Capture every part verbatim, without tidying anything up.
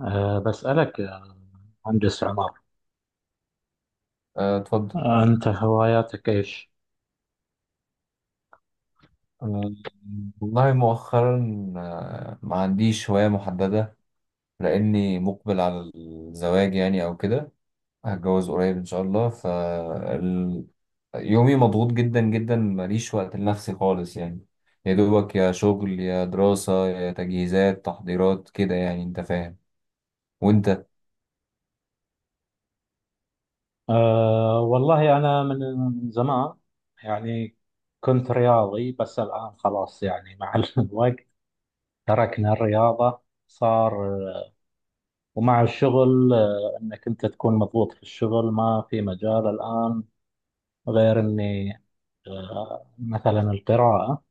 أه بسألك يا مهندس عمر، آه، اتفضل. أه، أنت هواياتك إيش؟ آه، والله مؤخرا، آه، ما عنديش هواية محددة لأني مقبل على الزواج يعني أو كده. هتجوز قريب إن شاء الله. ف ال- يومي مضغوط جدا جدا، ماليش وقت لنفسي خالص يعني، يا دوبك يا شغل يا دراسة يا تجهيزات تحضيرات كده يعني أنت فاهم. وأنت؟ أه والله أنا من زمان يعني كنت رياضي، بس الآن خلاص يعني مع الوقت تركنا الرياضة. صار أه، ومع الشغل أه، إنك أنت تكون مضغوط في الشغل، ما في مجال الآن غير إني أه، مثلا القراءة.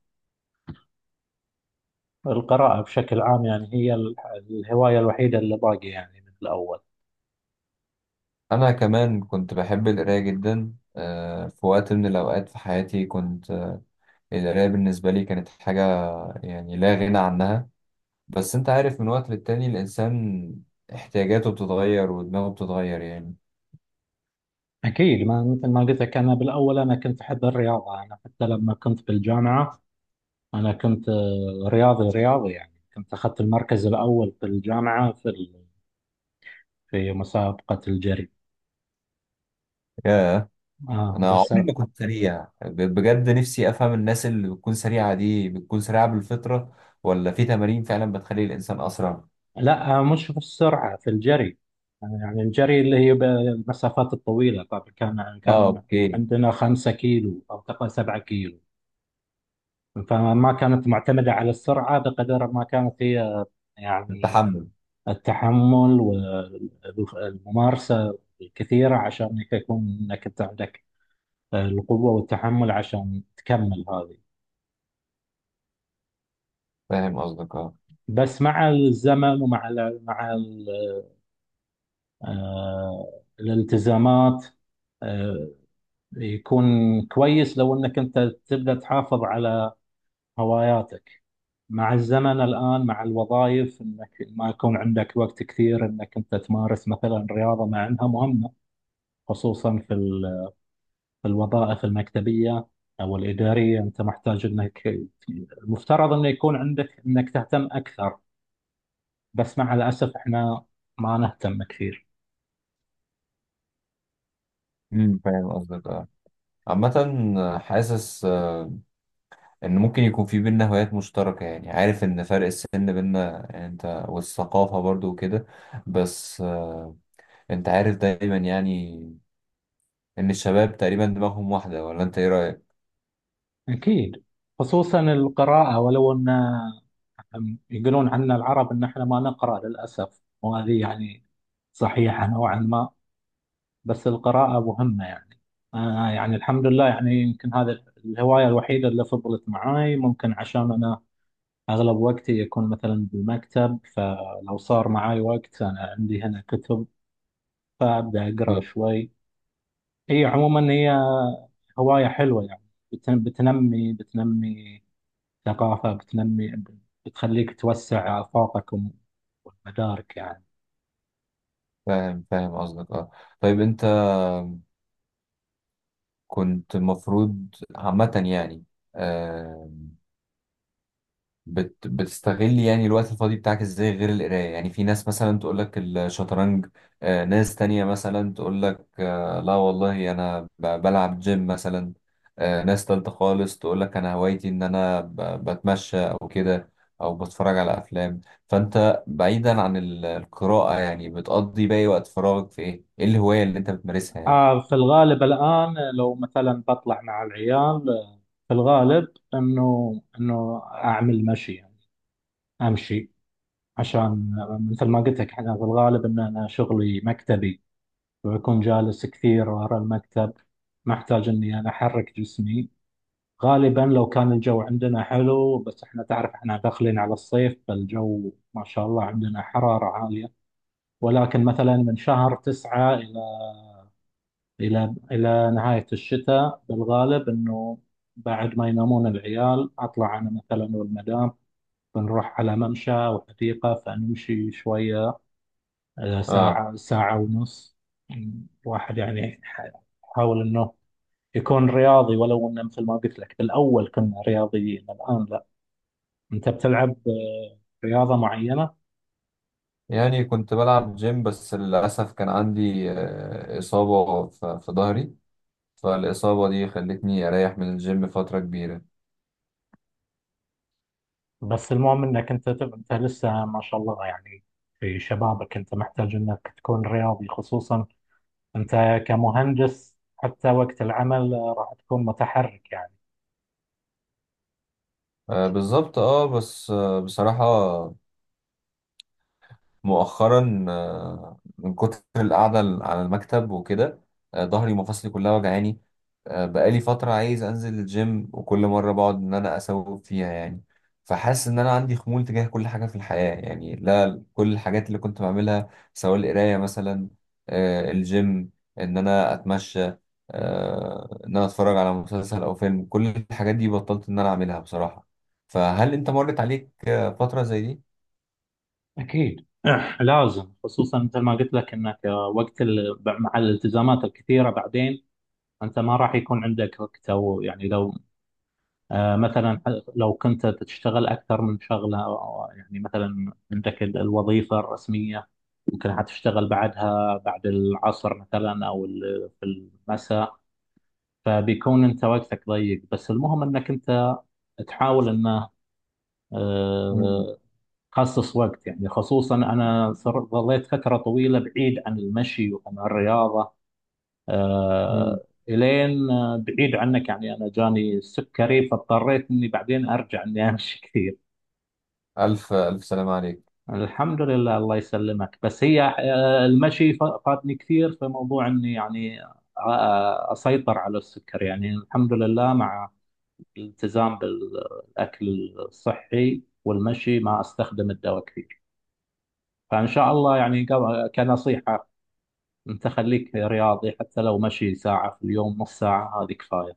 القراءة بشكل عام يعني هي ال- الهواية الوحيدة اللي باقي يعني من الأول. أنا كمان كنت بحب القراية جدا، آه، في وقت من الأوقات في حياتي كنت، آه، القراية بالنسبة لي كانت حاجة يعني لا غنى عنها. بس انت عارف، من وقت للتاني الانسان احتياجاته بتتغير ودماغه بتتغير يعني. أكيد، ما مثل ما قلت لك، أنا بالأول أنا كنت أحب الرياضة. أنا حتى لما كنت بالجامعة أنا كنت آه، رياضي رياضي، يعني كنت أخذت المركز الأول في الجامعة، في ال- في مسابقة الجري. ياه، آه انا بس عمري ما كنت سريع، ب- بجد نفسي افهم الناس اللي بتكون سريعة دي بتكون سريعة بالفطرة ولا في تمارين فعلا بتخلي الانسان اسرع. لا، آه، مش في السرعة، في الجري. آه، يعني الجري اللي هي بالمسافات الطويلة، طبعا كان اه كان اوكي. عندنا خمسة كيلو أو تقريبا سبعة كيلو. فما كانت معتمدة على السرعة بقدر ما كانت هي يعني التحمل. التحمل والممارسة الكثيرة، عشان إنك يكون إنك أنت عندك القوة والتحمل عشان تكمل هذه. فاهم قصدك اه. بس مع الزمن، ومع ال مع ال آه، الالتزامات، آه، يكون كويس لو إنك أنت تبدأ تحافظ على هواياتك مع الزمن. الآن مع الوظائف، إنك ما يكون عندك وقت كثير إنك أنت تمارس مثلا رياضة مع إنها مهمة، خصوصا في ال في الوظائف المكتبية أو الإدارية. أنت محتاج أنك، المفترض أنه يكون عندك أنك تهتم أكثر. بس مع الأسف إحنا ما نهتم كثير. امم فاهم قصدك اه. عامة حاسس آه، ان ممكن يكون في بينا هوايات مشتركة يعني، عارف ان فرق السن بينا يعني انت، والثقافة برضو وكده، بس آه، انت عارف دايما يعني ان الشباب تقريبا دماغهم واحده، ولا انت ايه رايك؟ أكيد، خصوصا القراءة، ولو أن يقولون عنا العرب أن إحنا ما نقرأ للأسف، وهذه يعني صحيحة نوعا ما. بس القراءة مهمة يعني. أنا يعني الحمد لله، يعني يمكن هذا الهواية الوحيدة اللي فضلت معاي، ممكن عشان أنا أغلب وقتي يكون مثلا بالمكتب، فلو صار معاي وقت أنا عندي هنا كتب فأبدأ أقرأ آه. شوي. هي عموما هي هواية حلوة يعني، بتن- بتنمي بتنمي ثقافة، بتنمي، بتخليك توسع آفاقك وم- والمدارك يعني. فاهم فاهم قصدك اه. طيب انت كنت المفروض عامه يعني، آه بت... بتستغل يعني الوقت الفاضي بتاعك ازاي غير القراية يعني؟ في ناس مثلا تقول لك الشطرنج، آه، ناس تانية مثلا تقول لك آه، لا والله انا ب... بلعب جيم مثلا، آه، ناس تالتة خالص تقول لك انا هوايتي ان انا ب... بتمشى او كده، او بتفرج على افلام. فانت، بعيدا عن ال- القراءة يعني، بتقضي باقي وقت فراغك في ايه؟ ايه الهواية اللي انت بتمارسها يعني؟ آه في الغالب الآن لو مثلا بطلع مع العيال، آه، في الغالب إنه إنه أعمل مشي يعني، أمشي عشان، آه، مثل ما قلت لك، أنا في الغالب إن أنا شغلي مكتبي، بكون جالس كثير ورا المكتب، محتاج اني انا احرك جسمي. غالبا لو كان الجو عندنا حلو، بس احنا تعرف احنا داخلين على الصيف فالجو ما شاء الله عندنا حرارة عالية، ولكن مثلا من شهر تسعة إلى إلى إلى نهاية الشتاء، بالغالب إنه بعد ما ينامون العيال أطلع أنا مثلا والمدام، بنروح على ممشى أو حديقة فنمشي شوية، آه، اه، ساعة ساعة ونص. الواحد يعني يحاول إنه يكون رياضي، ولو انه مثل ما قلت لك بالاول كنا رياضيين الان لا. انت بتلعب آه، رياضه معينه؟ يعني كنت بلعب جيم، بس للأسف كان عندي آه، إصابة في في ظهري. فالإصابة دي خلتني أريح من الجيم فترة كبيرة. بس المهم انك انت تب- انت لسه ما شاء الله يعني في شبابك، انت محتاج انك تكون رياضي، خصوصا انت كمهندس حتى وقت العمل آه، راح تكون متحرك يعني. آه بالظبط اه. بس آه بصراحة، مؤخرا آه، من كتر القعدة على المكتب وكده، آه، ظهري ومفاصلي كلها وجعاني. آه، بقالي فترة عايز أنزل الجيم، وكل مرة بقعد إن أنا أسوق فيها يعني. فحاسس إن أنا عندي خمول تجاه كل حاجة في الحياة يعني، لا كل الحاجات اللي كنت بعملها، سواء القراية مثلا، آه، الجيم، إن أنا أتمشى، آه، إن أنا أتفرج على مسلسل أو فيلم، كل الحاجات دي بطلت إن أنا أعملها بصراحة. فهل أنت مرت عليك آه، فترة زي دي؟ اكيد لازم، خصوصا مثل ما قلت لك انك آه، وقت ال- مع الالتزامات الكثيره بعدين، انت ما راح يكون عندك وقت. او يعني لو آه، مثلا ح- لو كنت تشتغل أكثر من شغلة أو- يعني مثلا عندك ال- الوظيفة الرسمية، ممكن حتشتغل بعدها بعد العصر مثلا، أو ال- في المساء. فبيكون أنت وقتك ضيق. بس المهم أنك أنت تحاول أنه آه، تخصص وقت يعني، خصوصا أنا صر- ظليت فترة طويلة بعيد عن المشي وعن الرياضة، مم. آه، إلين آه، بعيد عنك يعني أنا جاني السكري، فاضطريت إني بعدين أرجع إني أمشي كثير. ألف ألف سلام عليك. الحمد لله، الله يسلمك. بس هي آه، المشي ف- فاتني كثير في موضوع اني يعني آه، اسيطر على السكر. يعني الحمد لله مع الالتزام بالاكل الصحي والمشي ما استخدم الدواء كثير. فان شاء الله يعني، قبل- كنصيحة، انت خليك رياضي حتى لو مشي ساعة في اليوم، نص ساعة هذه كفاية.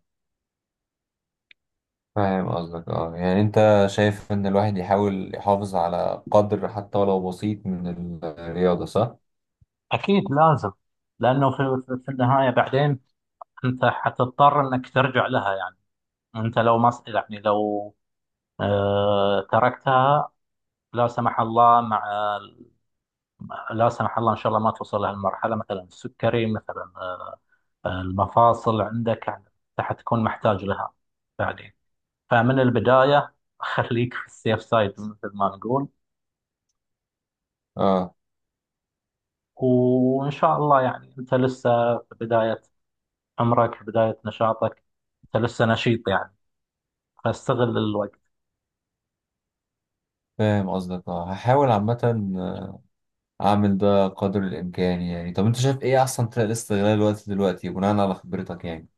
فاهم قصدك اه. يعني أنت شايف إن الواحد يحاول يحافظ على قدر حتى ولو بسيط من الرياضة، صح؟ أكيد لازم، لأنه في في النهاية بعدين أنت حتضطر أنك ترجع لها يعني. أنت لو ما يعني، لو آه، تركتها، لا سمح الله، مع لا سمح الله ان شاء الله ما توصل لهالمرحله، مثلا السكري مثلا، آه، المفاصل عندك يعني، راح تكون محتاج لها بعدين. فمن البدايه خليك في السيف سايد مثل ما نقول. اه. وان شاء الله يعني انت لسه في بدايه عمرك، في بدايه نشاطك، انت لسه نشيط يعني، فاستغل الوقت. فاهم قصدك اه. هحاول عامة أعمل ده قدر الإمكان يعني. طب أنت شايف إيه أحسن طريقة لاستغلال الوقت دلوقتي بناء على خبرتك يعني؟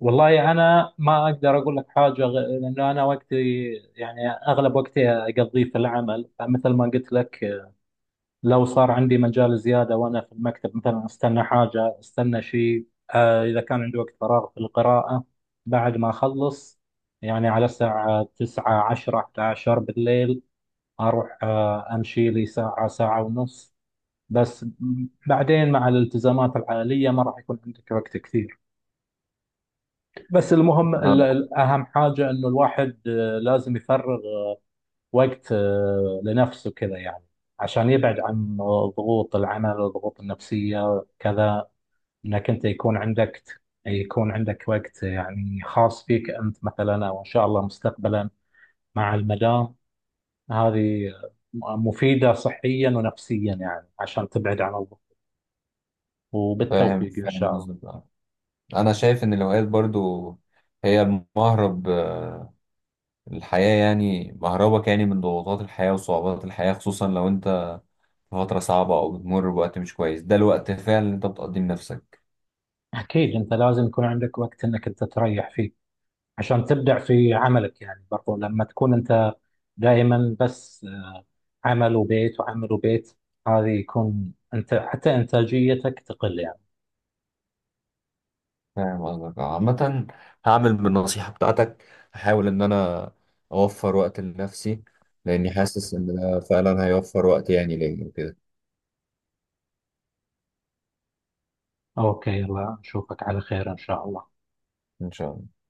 والله انا ما اقدر اقول لك حاجه غ- لانه انا وقتي، يعني اغلب وقتي اقضيه في العمل، فمثل ما قلت لك لو صار عندي مجال زياده وانا في المكتب مثلا، استنى حاجه استنى شيء، آه، اذا كان عندي وقت فراغ في القراءه بعد ما اخلص. يعني على الساعه تسعة عشرة إحدى عشرة بالليل اروح آه، امشي لي ساعه ساعه ونص. بس م- بعدين مع الالتزامات العائليه ما راح يكون عندك وقت كثير. بس المهم ال- اه. ال- اهم حاجه انه الواحد آه، لازم يفرغ آه، وقت آه، لنفسه كذا يعني، عشان يبعد عن آه، ضغوط العمل، الضغوط النفسيه كذا، انك انت يكون عندك يكون عندك وقت يعني خاص فيك انت مثلا، او ان شاء الله مستقبلا مع المدام. هذه آه، مفيده صحيا ونفسيا يعني، عشان تبعد عن الضغط. فاهم وبالتوفيق ان فاهم شاء الله. قصدك اه. أنا شايف إن الهوايات برضو هي المهرب، آه، الحياة يعني مهربك يعني من ضغوطات الحياة وصعوبات الحياة، خصوصا لو أنت فترة صعبة أو بتمر بوقت مش كويس، ده الوقت فعلا اللي أنت بتقضيه لنفسك. اكيد انت لازم يكون عندك وقت انك انت تريح فيه عشان تبدع في عملك يعني، برضو لما تكون انت دائما بس آه، عمل وبيت وعمل وبيت، هذه يكون انت حتى انتاجيتك تقل يعني. فاهم قصدك آه، عامة هعمل بالنصيحة بتاعتك، هحاول إن أنا أوفر وقت لنفسي، لأني حاسس إن ده فعلا هيوفر وقت يعني ليا وكده. اوكي، الله نشوفك على خير ان شاء الله. إن شاء الله.